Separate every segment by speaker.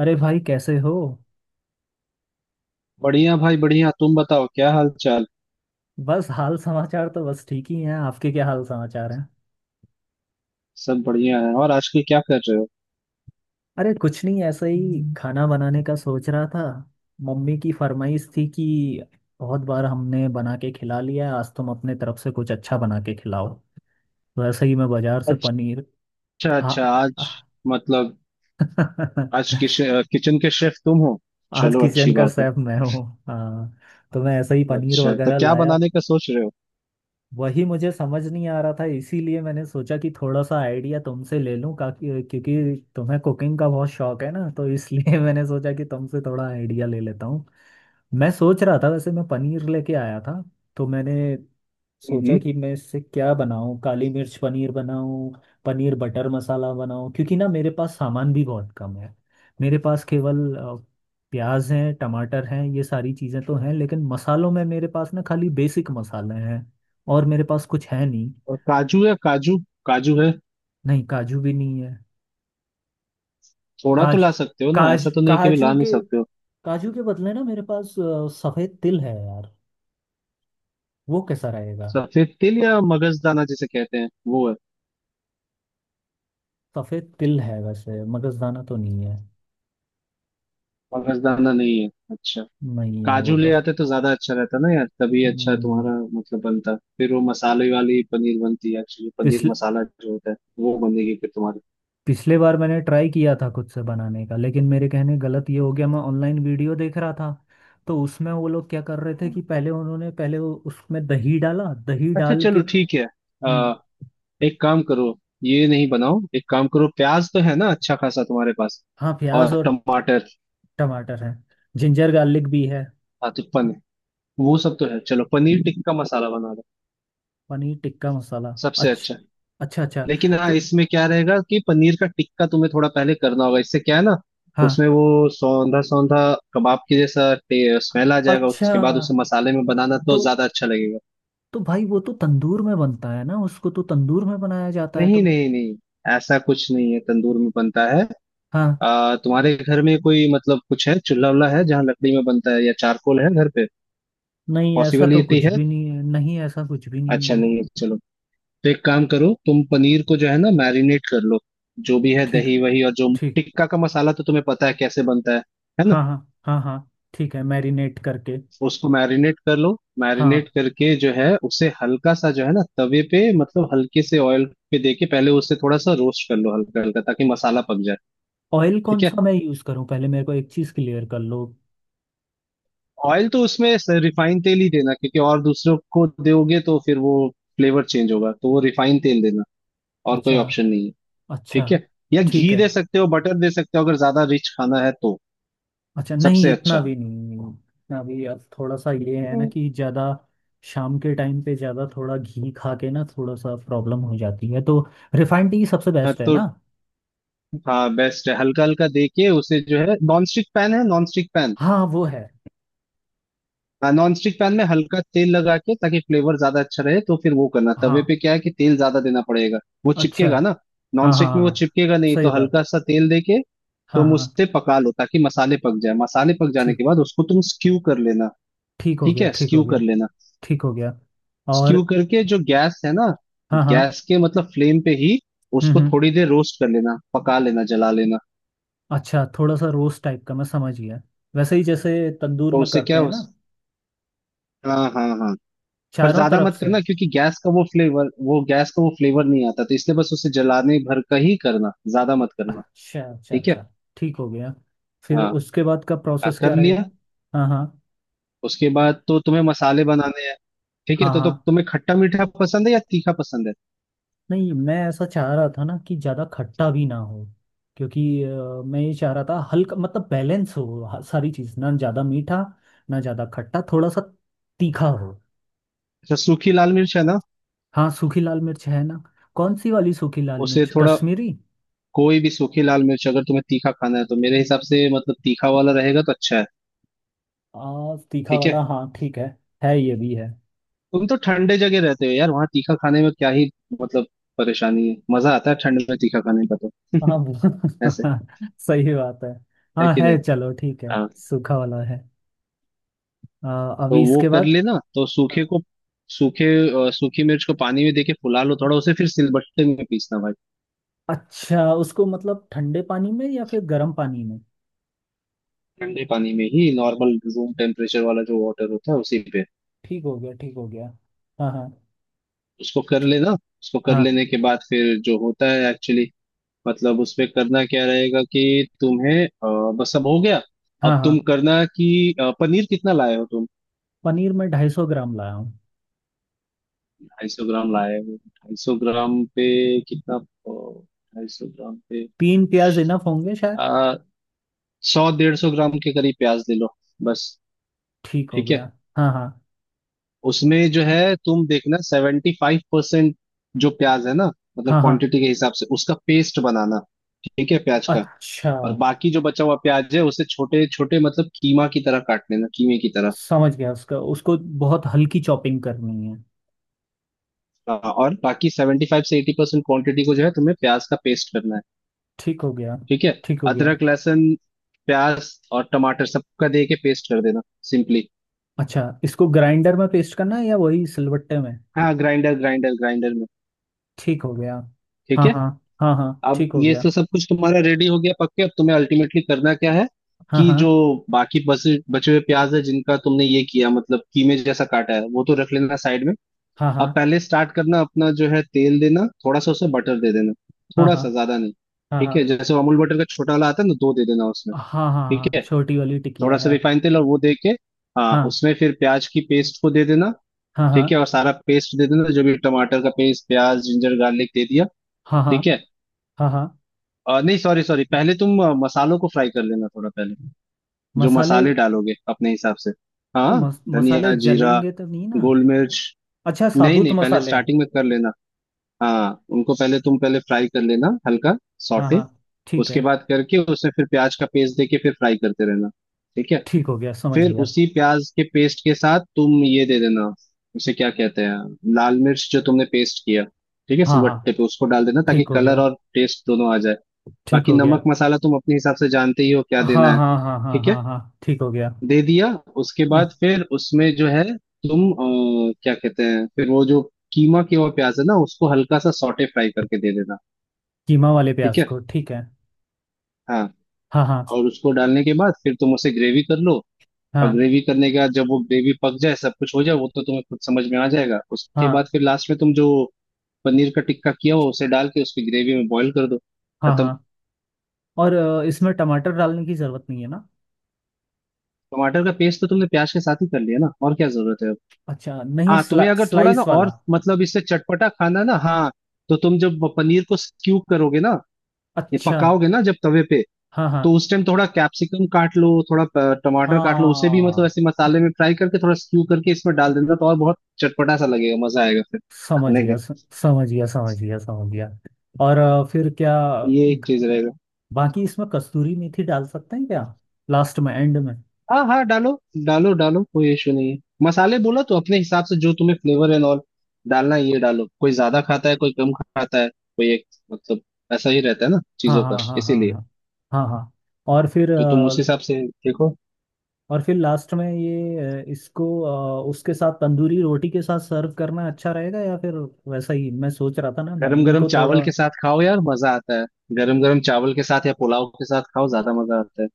Speaker 1: अरे भाई कैसे हो।
Speaker 2: बढ़िया भाई बढ़िया। तुम बताओ, क्या हाल चाल।
Speaker 1: बस हाल समाचार तो बस ठीक ही हैं। आपके क्या हाल समाचार हैं?
Speaker 2: सब बढ़िया है। और आजकल क्या कर रहे हो?
Speaker 1: अरे कुछ नहीं, ऐसे ही खाना बनाने का सोच रहा था। मम्मी की फरमाइश थी कि बहुत बार हमने बना के खिला लिया है, आज तुम अपने तरफ से कुछ अच्छा बना के खिलाओ। तो ऐसे ही मैं बाजार से
Speaker 2: अच्छा।
Speaker 1: पनीर आ,
Speaker 2: अच्छा आज
Speaker 1: आ,
Speaker 2: मतलब आज किचन के शेफ तुम हो?
Speaker 1: आज
Speaker 2: चलो अच्छी
Speaker 1: किचन का
Speaker 2: बात है।
Speaker 1: शेफ मैं हूँ, हाँ। तो मैं ऐसे ही पनीर
Speaker 2: अच्छा, तो
Speaker 1: वगैरह
Speaker 2: क्या
Speaker 1: लाया।
Speaker 2: बनाने का सोच रहे हो?
Speaker 1: वही मुझे समझ नहीं आ रहा था, इसीलिए मैंने सोचा कि थोड़ा सा आइडिया तुमसे ले लूं काकि क्योंकि तुम्हें कुकिंग का बहुत शौक है ना, तो इसलिए मैंने सोचा कि तुमसे थोड़ा आइडिया ले लेता हूँ। मैं सोच रहा था वैसे मैं पनीर लेके आया था, तो मैंने सोचा
Speaker 2: हम्म।
Speaker 1: कि मैं इससे क्या बनाऊं, काली मिर्च पनीर बनाऊं, पनीर बटर मसाला बनाऊं, क्योंकि ना मेरे पास सामान भी बहुत कम है। मेरे पास केवल प्याज हैं, टमाटर हैं, ये सारी चीज़ें तो हैं, लेकिन मसालों में मेरे पास ना खाली बेसिक मसाले हैं, और मेरे पास कुछ है नहीं।
Speaker 2: और काजू है? काजू, काजू है?
Speaker 1: नहीं, काजू भी नहीं है।
Speaker 2: थोड़ा तो
Speaker 1: काज
Speaker 2: ला सकते हो ना,
Speaker 1: काज
Speaker 2: ऐसा तो नहीं है कि भी ला नहीं सकते हो।
Speaker 1: काजू के बदले ना मेरे पास सफेद तिल है यार। वो कैसा रहेगा?
Speaker 2: सफेद तिल या मगजदाना जिसे कहते हैं वो है?
Speaker 1: सफेद तिल है, वैसे मगजदाना तो नहीं है।
Speaker 2: मगजदाना नहीं है, अच्छा।
Speaker 1: नहीं है वो
Speaker 2: काजू ले
Speaker 1: तो।
Speaker 2: आते तो ज्यादा अच्छा रहता ना यार, तभी अच्छा
Speaker 1: हम्म,
Speaker 2: तुम्हारा, मतलब बनता। फिर वो मसाले वाली पनीर बनती है, एक्चुअली पनीर
Speaker 1: पिछले
Speaker 2: मसाला जो होता है, वो बनेगी फिर तुम्हारी।
Speaker 1: पिछले बार मैंने ट्राई किया था खुद से बनाने का, लेकिन मेरे कहने गलत ये हो गया, मैं ऑनलाइन वीडियो देख रहा था, तो उसमें वो लोग क्या कर रहे थे
Speaker 2: हम्म।
Speaker 1: कि पहले उन्होंने पहले वो उसमें दही डाला, दही
Speaker 2: अच्छा
Speaker 1: डाल के।
Speaker 2: चलो ठीक है। आ,
Speaker 1: हम्म।
Speaker 2: एक काम करो, ये नहीं बनाओ। एक काम करो, प्याज तो है ना अच्छा खासा तुम्हारे पास?
Speaker 1: हाँ, प्याज
Speaker 2: और
Speaker 1: और
Speaker 2: टमाटर?
Speaker 1: टमाटर है। जिंजर गार्लिक भी है।
Speaker 2: हाँ, तो पनीर, वो सब तो है। चलो पनीर टिक्का मसाला बना दो,
Speaker 1: पनीर टिक्का मसाला।
Speaker 2: सबसे
Speaker 1: अच्छा।
Speaker 2: अच्छा।
Speaker 1: अच्छा अच्छा।
Speaker 2: लेकिन हाँ,
Speaker 1: तो
Speaker 2: इसमें क्या रहेगा कि पनीर का टिक्का तुम्हें थोड़ा पहले करना होगा, इससे क्या है ना,
Speaker 1: हाँ।
Speaker 2: उसमें वो सौंधा सौंधा कबाब के जैसा स्मेल आ जाएगा।
Speaker 1: अच्छा।
Speaker 2: उसके बाद उसे मसाले में बनाना
Speaker 1: तो
Speaker 2: तो ज्यादा अच्छा लगेगा।
Speaker 1: तो भाई वो तो तंदूर में बनता है ना, उसको तो तंदूर में बनाया जाता है, तो
Speaker 2: नहीं
Speaker 1: मैं
Speaker 2: नहीं नहीं, ऐसा कुछ नहीं है तंदूर में बनता है।
Speaker 1: हाँ।
Speaker 2: तुम्हारे घर में कोई, मतलब कुछ है, चूल्हा वुल्हा है जहाँ लकड़ी में बनता है, या चारकोल है घर पे?
Speaker 1: नहीं, ऐसा तो
Speaker 2: पॉसिबिलिटी
Speaker 1: कुछ
Speaker 2: है?
Speaker 1: भी नहीं है, नहीं ऐसा कुछ भी नहीं
Speaker 2: अच्छा
Speaker 1: है।
Speaker 2: नहीं है, चलो। तो एक काम करो, तुम पनीर को जो है ना मैरिनेट कर लो, जो भी है
Speaker 1: ठीक।
Speaker 2: दही वही। और जो
Speaker 1: ठीक।
Speaker 2: टिक्का का मसाला तो तुम्हें पता है कैसे बनता है ना।
Speaker 1: हाँ हाँ। हाँ हाँ ठीक है, मैरिनेट करके।
Speaker 2: उसको मैरिनेट कर लो। मैरिनेट
Speaker 1: हाँ।
Speaker 2: करके जो है उसे हल्का सा, जो है ना तवे पे, मतलब हल्के से ऑयल पे दे के पहले उसे थोड़ा सा रोस्ट कर लो, हल्का हल्का, ताकि मसाला पक जाए।
Speaker 1: ऑयल कौन
Speaker 2: ठीक है।
Speaker 1: सा मैं यूज़ करूँ? पहले मेरे को एक चीज़ क्लियर कर लो।
Speaker 2: ऑयल तो उसमें रिफाइंड तेल ही देना, क्योंकि और दूसरों को दोगे तो फिर वो फ्लेवर चेंज होगा, तो वो रिफाइंड तेल देना। और कोई
Speaker 1: अच्छा।
Speaker 2: ऑप्शन नहीं है।
Speaker 1: अच्छा।
Speaker 2: ठीक है, या
Speaker 1: ठीक
Speaker 2: घी
Speaker 1: है।
Speaker 2: दे सकते हो, बटर दे सकते हो, अगर ज्यादा रिच खाना है तो।
Speaker 1: अच्छा, नहीं
Speaker 2: सबसे
Speaker 1: इतना
Speaker 2: अच्छा।
Speaker 1: भी नहीं, इतना भी अब थोड़ा सा ये है ना
Speaker 2: हम्म।
Speaker 1: कि ज़्यादा शाम के टाइम पे ज़्यादा थोड़ा घी खा के ना थोड़ा सा प्रॉब्लम हो जाती है, तो रिफाइंड टी सबसे
Speaker 2: हाँ,
Speaker 1: बेस्ट है
Speaker 2: तो
Speaker 1: ना।
Speaker 2: हाँ बेस्ट है। हल्का हल्का दे के, उसे जो है नॉन स्टिक पैन है, नॉन स्टिक पैन,
Speaker 1: हाँ वो है।
Speaker 2: नॉन स्टिक पैन में हल्का तेल लगा के ताकि फ्लेवर ज्यादा अच्छा रहे। तो फिर वो करना तवे
Speaker 1: हाँ।
Speaker 2: पे क्या है कि तेल ज्यादा देना पड़ेगा, वो
Speaker 1: अच्छा।
Speaker 2: चिपकेगा ना। नॉन
Speaker 1: हाँ हाँ
Speaker 2: स्टिक में वो
Speaker 1: हाँ
Speaker 2: चिपकेगा नहीं,
Speaker 1: सही
Speaker 2: तो
Speaker 1: बात।
Speaker 2: हल्का सा तेल दे के
Speaker 1: हाँ
Speaker 2: तुम
Speaker 1: हाँ।
Speaker 2: उससे पका लो ताकि मसाले पक जाए। मसाले पक जाने
Speaker 1: ठीक।
Speaker 2: के बाद उसको तुम स्क्यू कर लेना।
Speaker 1: ठीक हो
Speaker 2: ठीक
Speaker 1: गया,
Speaker 2: है,
Speaker 1: ठीक हो
Speaker 2: स्क्यू कर
Speaker 1: गया।
Speaker 2: लेना।
Speaker 1: ठीक हो गया
Speaker 2: स्क्यू
Speaker 1: और।
Speaker 2: करके, जो गैस है ना,
Speaker 1: हाँ हाँ।
Speaker 2: गैस के मतलब फ्लेम पे ही उसको
Speaker 1: हम्म।
Speaker 2: थोड़ी देर रोस्ट कर लेना, पका लेना, जला लेना।
Speaker 1: अच्छा, थोड़ा सा रोस्ट टाइप का, मैं समझ गया। वैसे ही जैसे तंदूर
Speaker 2: तो
Speaker 1: में
Speaker 2: उससे
Speaker 1: करते
Speaker 2: क्या
Speaker 1: हैं
Speaker 2: हो,
Speaker 1: ना,
Speaker 2: हाँ हाँ हाँ। पर
Speaker 1: चारों
Speaker 2: ज्यादा
Speaker 1: तरफ
Speaker 2: मत
Speaker 1: से।
Speaker 2: करना, क्योंकि गैस का वो फ्लेवर, वो गैस का वो फ्लेवर नहीं आता, तो इसलिए बस उसे जलाने भर का ही करना, ज्यादा मत करना।
Speaker 1: अच्छा अच्छा
Speaker 2: ठीक है।
Speaker 1: अच्छा। ठीक हो गया। फिर
Speaker 2: हाँ,
Speaker 1: उसके बाद का
Speaker 2: हाँ,
Speaker 1: प्रोसेस
Speaker 2: कर
Speaker 1: क्या
Speaker 2: लिया।
Speaker 1: रहेगा? हाँ हाँ।
Speaker 2: उसके बाद तो तुम्हें मसाले बनाने हैं। ठीक है
Speaker 1: हाँ
Speaker 2: तो
Speaker 1: हाँ।
Speaker 2: तुम्हें खट्टा मीठा पसंद है या तीखा पसंद है?
Speaker 1: नहीं, मैं ऐसा चाह रहा था ना कि ज़्यादा खट्टा भी ना हो, क्योंकि मैं ये चाह रहा था हल्का, मतलब बैलेंस हो सारी चीज़, ना ज़्यादा मीठा ना ज़्यादा खट्टा, थोड़ा सा तीखा हो।
Speaker 2: अच्छा, सूखी लाल मिर्च है ना?
Speaker 1: हाँ, सूखी लाल मिर्च है ना। कौन सी वाली सूखी लाल
Speaker 2: उसे
Speaker 1: मिर्च,
Speaker 2: थोड़ा,
Speaker 1: कश्मीरी?
Speaker 2: कोई भी सूखी लाल मिर्च, अगर तुम्हें तीखा खाना है तो मेरे हिसाब से, मतलब तीखा वाला रहेगा तो अच्छा है।
Speaker 1: तीखा
Speaker 2: ठीक
Speaker 1: वाला,
Speaker 2: है।
Speaker 1: हाँ ठीक है। है, ये भी है।
Speaker 2: तुम तो ठंडे जगह रहते हो यार, वहाँ तीखा खाने में क्या ही, मतलब परेशानी है, मजा आता है ठंड में तीखा खाने का तो।
Speaker 1: हाँ
Speaker 2: ऐसे
Speaker 1: सही बात है।
Speaker 2: है
Speaker 1: हाँ
Speaker 2: कि
Speaker 1: है,
Speaker 2: नहीं।
Speaker 1: चलो ठीक है। सूखा वाला है।
Speaker 2: तो
Speaker 1: अभी
Speaker 2: वो
Speaker 1: इसके
Speaker 2: कर
Speaker 1: बाद।
Speaker 2: लेना, तो
Speaker 1: हाँ।
Speaker 2: सूखे को, सूखे सूखी मिर्च को पानी में देके फुला लो थोड़ा, उसे फिर सिलबट्टे में पीसना भाई।
Speaker 1: अच्छा, उसको मतलब ठंडे पानी में या फिर गर्म पानी में?
Speaker 2: ठंडे पानी में ही, नॉर्मल रूम टेम्परेचर वाला जो वाटर होता है उसी पे
Speaker 1: ठीक हो गया, ठीक हो गया। हाँ हाँ।
Speaker 2: उसको कर लेना। उसको कर
Speaker 1: हाँ
Speaker 2: लेने के बाद फिर जो होता है एक्चुअली, मतलब उसमें करना क्या रहेगा कि तुम्हें बस, अब हो गया।
Speaker 1: हाँ
Speaker 2: अब
Speaker 1: हाँ।
Speaker 2: तुम करना कि पनीर कितना लाए हो तुम?
Speaker 1: पनीर में 250 ग्राम लाया हूँ।
Speaker 2: ढाई सौ ग्राम लाए हो, ढाई सौ ग्राम पे कितना 250 ग्राम पे
Speaker 1: तीन प्याज इनफ होंगे शायद।
Speaker 2: आ, 100 150 ग्राम के करीब प्याज ले लो, बस।
Speaker 1: ठीक हो
Speaker 2: ठीक
Speaker 1: गया।
Speaker 2: है।
Speaker 1: हाँ हाँ।
Speaker 2: उसमें जो है तुम देखना 75%, जो प्याज है ना, मतलब
Speaker 1: हाँ हाँ।
Speaker 2: क्वांटिटी के हिसाब से उसका पेस्ट बनाना। ठीक है प्याज का।
Speaker 1: अच्छा।
Speaker 2: और बाकी जो बचा हुआ प्याज है उसे छोटे छोटे, मतलब कीमा की तरह काट लेना, कीमे की तरह।
Speaker 1: समझ गया, उसका उसको बहुत हल्की चॉपिंग करनी है।
Speaker 2: हाँ, और बाकी 75 से 80% क्वांटिटी को जो है तुम्हें प्याज का पेस्ट करना है।
Speaker 1: ठीक हो गया।
Speaker 2: ठीक है।
Speaker 1: ठीक हो गया।
Speaker 2: अदरक लहसुन प्याज और टमाटर सबका दे के पेस्ट कर देना, सिंपली।
Speaker 1: अच्छा, इसको ग्राइंडर में पेस्ट करना है या वही सिलबट्टे में?
Speaker 2: हाँ, ग्राइंडर ग्राइंडर, ग्राइंडर में।
Speaker 1: ठीक हो गया।
Speaker 2: ठीक
Speaker 1: हाँ
Speaker 2: है।
Speaker 1: हाँ। हाँ हाँ
Speaker 2: अब
Speaker 1: ठीक हो
Speaker 2: ये
Speaker 1: गया।
Speaker 2: तो सब कुछ तुम्हारा रेडी हो गया, पक्के। अब तुम्हें अल्टीमेटली करना क्या है
Speaker 1: हाँ
Speaker 2: कि जो
Speaker 1: हाँ
Speaker 2: बाकी बचे बचे हुए प्याज है जिनका तुमने ये किया, मतलब कीमे जैसा काटा है, वो तो रख लेना साइड में।
Speaker 1: हाँ हाँ।
Speaker 2: अब पहले स्टार्ट करना, अपना जो है तेल देना थोड़ा सा, उसे बटर दे देना,
Speaker 1: हाँ
Speaker 2: थोड़ा सा,
Speaker 1: हाँ
Speaker 2: ज्यादा नहीं।
Speaker 1: हाँ हाँ
Speaker 2: ठीक है जैसे वो अमूल बटर का छोटा वाला आता है ना, 2 दे देना उसमें।
Speaker 1: हाँ हाँ
Speaker 2: ठीक
Speaker 1: हाँ
Speaker 2: है।
Speaker 1: छोटी वाली
Speaker 2: थोड़ा
Speaker 1: टिकिया
Speaker 2: सा
Speaker 1: है।
Speaker 2: रिफाइन तेल और वो दे के, हाँ
Speaker 1: हाँ
Speaker 2: उसमें फिर प्याज की पेस्ट को दे देना।
Speaker 1: हाँ हाँ।
Speaker 2: ठीक है, और सारा पेस्ट दे देना, जो भी टमाटर का पेस्ट, प्याज, जिंजर गार्लिक दे दिया।
Speaker 1: हाँ हाँ
Speaker 2: ठीक है।
Speaker 1: हाँ हाँ।
Speaker 2: नहीं सॉरी सॉरी, पहले तुम मसालों को फ्राई कर लेना थोड़ा पहले, जो
Speaker 1: मसाले।
Speaker 2: मसाले डालोगे अपने हिसाब से।
Speaker 1: तो
Speaker 2: हाँ,
Speaker 1: मसाले
Speaker 2: धनिया जीरा,
Speaker 1: जलेंगे तो नहीं ना?
Speaker 2: गोल मिर्च।
Speaker 1: अच्छा,
Speaker 2: नहीं
Speaker 1: साबुत
Speaker 2: नहीं, पहले
Speaker 1: मसाले।
Speaker 2: स्टार्टिंग में कर लेना। हाँ उनको पहले तुम पहले फ्राई कर लेना, हल्का
Speaker 1: हाँ
Speaker 2: सॉटे।
Speaker 1: हाँ ठीक
Speaker 2: उसके
Speaker 1: है।
Speaker 2: बाद करके उसे फिर प्याज का पेस्ट देके फिर फ्राई करते रहना। ठीक है।
Speaker 1: ठीक हो गया, समझ
Speaker 2: फिर
Speaker 1: गया।
Speaker 2: उसी प्याज के पेस्ट के साथ तुम ये दे देना, उसे क्या कहते हैं, लाल मिर्च जो तुमने पेस्ट किया। ठीक है,
Speaker 1: हाँ हाँ
Speaker 2: सिलबट्टे पे उसको डाल देना ताकि
Speaker 1: ठीक हो
Speaker 2: कलर
Speaker 1: गया।
Speaker 2: और टेस्ट दोनों आ जाए।
Speaker 1: ठीक
Speaker 2: बाकी
Speaker 1: हो गया।
Speaker 2: नमक मसाला तुम अपने हिसाब से जानते ही हो क्या
Speaker 1: हाँ
Speaker 2: देना है।
Speaker 1: हाँ हाँ हाँ हाँ
Speaker 2: ठीक है,
Speaker 1: हाँ हाँ, ठीक हो गया।
Speaker 2: दे दिया। उसके बाद
Speaker 1: हाँ।
Speaker 2: फिर उसमें जो है तुम क्या कहते हैं, फिर वो जो कीमा के हुआ प्याज है ना उसको हल्का सा सॉटे फ्राई करके दे देना।
Speaker 1: कीमा वाले
Speaker 2: ठीक
Speaker 1: प्याज
Speaker 2: है।
Speaker 1: को, ठीक है।
Speaker 2: हाँ,
Speaker 1: हाँ हाँ।
Speaker 2: और उसको डालने के बाद फिर तुम उसे ग्रेवी कर लो। और
Speaker 1: हाँ
Speaker 2: ग्रेवी करने के बाद जब वो ग्रेवी पक जाए, सब कुछ हो जाए, वो तो तुम्हें खुद समझ में आ जाएगा। उसके
Speaker 1: हाँ
Speaker 2: बाद फिर लास्ट में तुम जो पनीर का टिक्का किया हो उसे डाल के उसकी ग्रेवी में बॉईल कर दो,
Speaker 1: हाँ
Speaker 2: खत्म।
Speaker 1: हाँ। और इसमें टमाटर डालने की ज़रूरत नहीं है ना?
Speaker 2: टमाटर का पेस्ट तो तुमने प्याज के साथ ही कर लिया ना, और क्या जरूरत है।
Speaker 1: अच्छा, नहीं
Speaker 2: हाँ, तुम्हें अगर थोड़ा ना
Speaker 1: स्लाइस वाला।
Speaker 2: और, मतलब इससे चटपटा खाना ना, हाँ, तो तुम जब पनीर को स्क्यू करोगे ना, ये
Speaker 1: अच्छा।
Speaker 2: पकाओगे ना जब तवे पे,
Speaker 1: हाँ हाँ
Speaker 2: तो उस टाइम थोड़ा कैप्सिकम काट लो, थोड़ा टमाटर काट लो, उसे भी मतलब
Speaker 1: हाँ।
Speaker 2: ऐसे मसाले में फ्राई करके थोड़ा स्क्यू करके इसमें डाल देना, तो और बहुत चटपटा सा लगेगा, मजा आएगा फिर
Speaker 1: समझ
Speaker 2: खाने
Speaker 1: गया
Speaker 2: का।
Speaker 1: समझ गया, समझ गया, समझ गया। और फिर क्या?
Speaker 2: ये एक चीज रहेगा।
Speaker 1: बाकी इसमें कस्तूरी मेथी डाल सकते हैं क्या, लास्ट में, एंड में?
Speaker 2: हाँ हाँ डालो, डालो डालो, कोई इशू नहीं है। मसाले बोला तो अपने हिसाब से, जो तुम्हें फ्लेवर एंड ऑल डालना है ये डालो। कोई ज्यादा खाता है, कोई कम खाता है, कोई एक, मतलब ऐसा ही रहता है ना
Speaker 1: हाँ
Speaker 2: चीजों का,
Speaker 1: हाँ हाँ हाँ
Speaker 2: इसीलिए।
Speaker 1: हाँ हाँ हाँ। और फिर
Speaker 2: तो तुम उस हिसाब से देखो।
Speaker 1: और फिर लास्ट में ये इसको उसके साथ तंदूरी रोटी के साथ सर्व करना अच्छा रहेगा या फिर? वैसा ही मैं सोच रहा था ना,
Speaker 2: गरम
Speaker 1: मम्मी
Speaker 2: गरम
Speaker 1: को थोड़ा।
Speaker 2: चावल के साथ खाओ यार, मजा आता है। गरम गरम चावल के साथ या पुलाव के साथ खाओ, ज्यादा मजा आता है।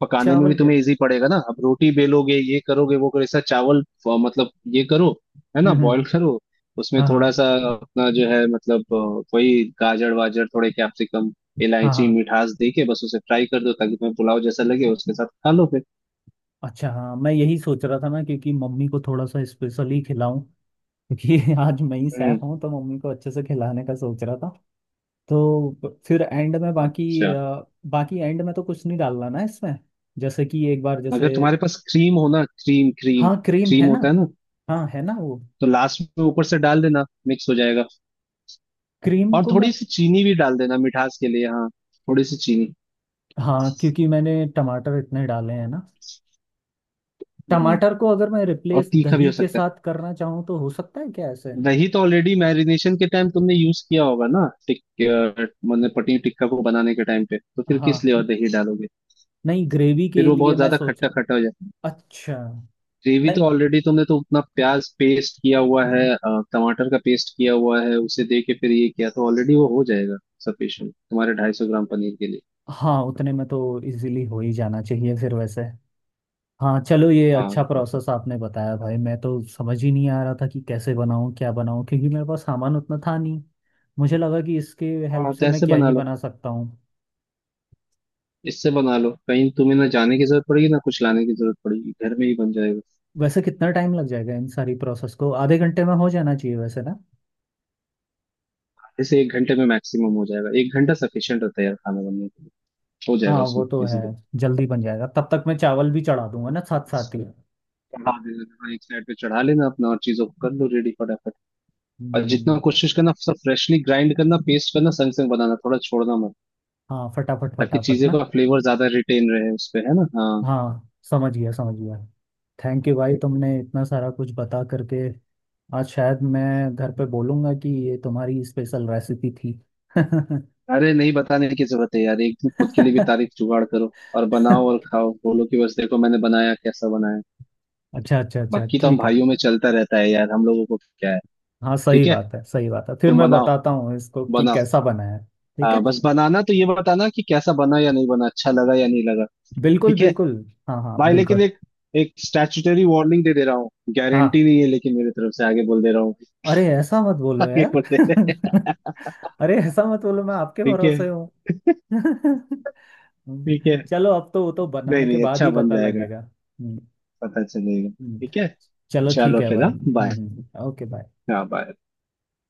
Speaker 2: पकाने में भी
Speaker 1: चावल के।
Speaker 2: तुम्हें इजी पड़ेगा ना, अब रोटी बेलोगे, ये करोगे, वो करोगे, ऐसा चावल, मतलब ये करो, है ना,
Speaker 1: हम्म।
Speaker 2: बॉईल करो। उसमें
Speaker 1: हाँ हाँ।
Speaker 2: थोड़ा सा अपना जो है, मतलब वही गाजर वाजर, थोड़े कैप्सिकम,
Speaker 1: हाँ
Speaker 2: इलायची,
Speaker 1: हाँ।
Speaker 2: मिठास दे के बस उसे फ्राई कर दो, ताकि तुम्हें पुलाव जैसा लगे उसके साथ खा लो फिर।
Speaker 1: अच्छा, हाँ मैं यही सोच रहा था ना क्योंकि मम्मी को थोड़ा सा स्पेशली खिलाऊं, क्योंकि आज मैं ही सैफ
Speaker 2: हम्म।
Speaker 1: हूँ, तो मम्मी को अच्छे से खिलाने का सोच रहा था। तो फिर एंड में बाकी
Speaker 2: अच्छा,
Speaker 1: बाकी एंड में तो कुछ नहीं डालना ना इसमें, जैसे कि एक बार जैसे।
Speaker 2: अगर तुम्हारे पास क्रीम हो ना, क्रीम क्रीम,
Speaker 1: हाँ क्रीम
Speaker 2: क्रीम
Speaker 1: है ना।
Speaker 2: होता है ना,
Speaker 1: हाँ है ना वो।
Speaker 2: तो लास्ट में ऊपर से डाल देना, मिक्स हो जाएगा।
Speaker 1: क्रीम
Speaker 2: और
Speaker 1: को मैं।
Speaker 2: थोड़ी सी चीनी भी डाल देना, मिठास के लिए हाँ, थोड़ी सी चीनी।
Speaker 1: हाँ क्योंकि मैंने टमाटर इतने डाले हैं ना।
Speaker 2: हम्म,
Speaker 1: टमाटर को अगर मैं
Speaker 2: और
Speaker 1: रिप्लेस
Speaker 2: तीखा भी
Speaker 1: दही
Speaker 2: हो
Speaker 1: के
Speaker 2: सकता है।
Speaker 1: साथ करना चाहूँ तो हो सकता है क्या ऐसे?
Speaker 2: दही तो ऑलरेडी मैरिनेशन के टाइम तुमने यूज किया होगा ना, मतलब पनीर टिक्का को बनाने के टाइम पे, तो फिर किस
Speaker 1: हाँ,
Speaker 2: लिए और दही डालोगे?
Speaker 1: नहीं ग्रेवी
Speaker 2: फिर
Speaker 1: के
Speaker 2: वो
Speaker 1: लिए
Speaker 2: बहुत
Speaker 1: मैं
Speaker 2: ज्यादा
Speaker 1: सोच।
Speaker 2: खट्टा खट्टा हो जाता है।
Speaker 1: अच्छा
Speaker 2: ग्रेवी
Speaker 1: नहीं।
Speaker 2: तो ऑलरेडी तुमने, तो उतना प्याज पेस्ट किया हुआ है, टमाटर का पेस्ट किया हुआ है, उसे दे के फिर ये किया तो ऑलरेडी वो हो जाएगा सफिशियंट तुम्हारे 250 ग्राम पनीर के लिए।
Speaker 1: हाँ उतने में तो इजीली हो ही जाना चाहिए फिर वैसे। हाँ, चलो ये
Speaker 2: हाँ
Speaker 1: अच्छा
Speaker 2: बिल्कुल।
Speaker 1: प्रोसेस आपने बताया भाई, मैं तो समझ ही नहीं आ रहा था कि कैसे बनाऊँ क्या बनाऊँ क्योंकि मेरे पास सामान उतना था नहीं। मुझे लगा कि इसके हेल्प
Speaker 2: हाँ
Speaker 1: से
Speaker 2: तो
Speaker 1: मैं
Speaker 2: ऐसे
Speaker 1: क्या
Speaker 2: बना
Speaker 1: ही
Speaker 2: लो।
Speaker 1: बना सकता हूँ।
Speaker 2: इससे बना लो, कहीं तुम्हें ना जाने की जरूरत पड़ेगी, ना कुछ लाने की जरूरत पड़ेगी, घर में ही बन जाएगा।
Speaker 1: वैसे कितना टाइम लग जाएगा इन सारी प्रोसेस को? आधे घंटे में हो जाना चाहिए वैसे ना।
Speaker 2: आधे से 1 घंटे में मैक्सिमम हो जाएगा, 1 घंटा सफिशियंट होता है यार खाना बनने के लिए। हो जाएगा
Speaker 1: हाँ वो
Speaker 2: उसमें
Speaker 1: तो है।
Speaker 2: इजीली।
Speaker 1: जल्दी बन जाएगा, तब तक मैं चावल भी चढ़ा दूंगा ना साथ साथ ही।
Speaker 2: चढ़ा देना, थोड़ा एक साइड पे चढ़ा लेना अपना, और चीजों को कर लो रेडी फटाफट। और जितना
Speaker 1: हम्म।
Speaker 2: कोशिश करना सब फ्रेशली ग्राइंड करना, पेस्ट करना, संग संग बनाना, थोड़ा छोड़ना मत,
Speaker 1: हाँ, फटाफट
Speaker 2: ताकि
Speaker 1: फटाफट
Speaker 2: चीजों
Speaker 1: ना।
Speaker 2: का फ्लेवर ज्यादा रिटेन रहे उस पे, है ना, हाँ।
Speaker 1: हाँ समझ गया, समझ गया। थैंक यू भाई, तुमने इतना सारा कुछ बता करके। आज शायद मैं घर पे बोलूँगा कि ये तुम्हारी स्पेशल रेसिपी थी।
Speaker 2: अरे नहीं बताने की जरूरत है यार, एक दिन खुद के लिए भी तारीफ जुगाड़ करो और बनाओ और खाओ, बोलो कि बस देखो मैंने बनाया, कैसा बनाया।
Speaker 1: अच्छा अच्छा अच्छा,
Speaker 2: बाकी तो हम
Speaker 1: ठीक है।
Speaker 2: भाइयों में चलता रहता है यार, हम लोगों को क्या है।
Speaker 1: हाँ सही
Speaker 2: ठीक है,
Speaker 1: बात है, सही बात है, फिर
Speaker 2: तुम
Speaker 1: मैं
Speaker 2: बनाओ,
Speaker 1: बताता हूँ इसको कि
Speaker 2: बनाओ।
Speaker 1: कैसा बना है। ठीक
Speaker 2: हाँ,
Speaker 1: है।
Speaker 2: बस बनाना तो ये बताना कि कैसा बना या नहीं बना, अच्छा लगा या नहीं लगा।
Speaker 1: बिल्कुल
Speaker 2: ठीक है
Speaker 1: बिल्कुल। हाँ हाँ
Speaker 2: भाई, लेकिन
Speaker 1: बिल्कुल।
Speaker 2: एक, एक स्टैट्यूटरी वार्निंग दे दे रहा हूँ, गारंटी
Speaker 1: हाँ।
Speaker 2: नहीं है, लेकिन मेरे तरफ से आगे बोल दे रहा हूँ।
Speaker 1: अरे ऐसा मत बोलो
Speaker 2: आगे
Speaker 1: यार।
Speaker 2: बोल दे रहे हैं।
Speaker 1: अरे ऐसा मत बोलो, मैं आपके
Speaker 2: ठीक है।
Speaker 1: भरोसे हूँ।
Speaker 2: ठीक है।
Speaker 1: चलो, अब तो वो तो
Speaker 2: नहीं
Speaker 1: बनाने के
Speaker 2: नहीं,
Speaker 1: बाद
Speaker 2: अच्छा
Speaker 1: ही
Speaker 2: बन
Speaker 1: पता
Speaker 2: जाएगा,
Speaker 1: लगेगा। हम्म।
Speaker 2: पता चलेगा।
Speaker 1: हम्म।
Speaker 2: ठीक है,
Speaker 1: चलो ठीक
Speaker 2: चलो
Speaker 1: है
Speaker 2: फिर,
Speaker 1: भाई,
Speaker 2: हाँ बाय।
Speaker 1: Hmm, okay bye.
Speaker 2: हाँ bye।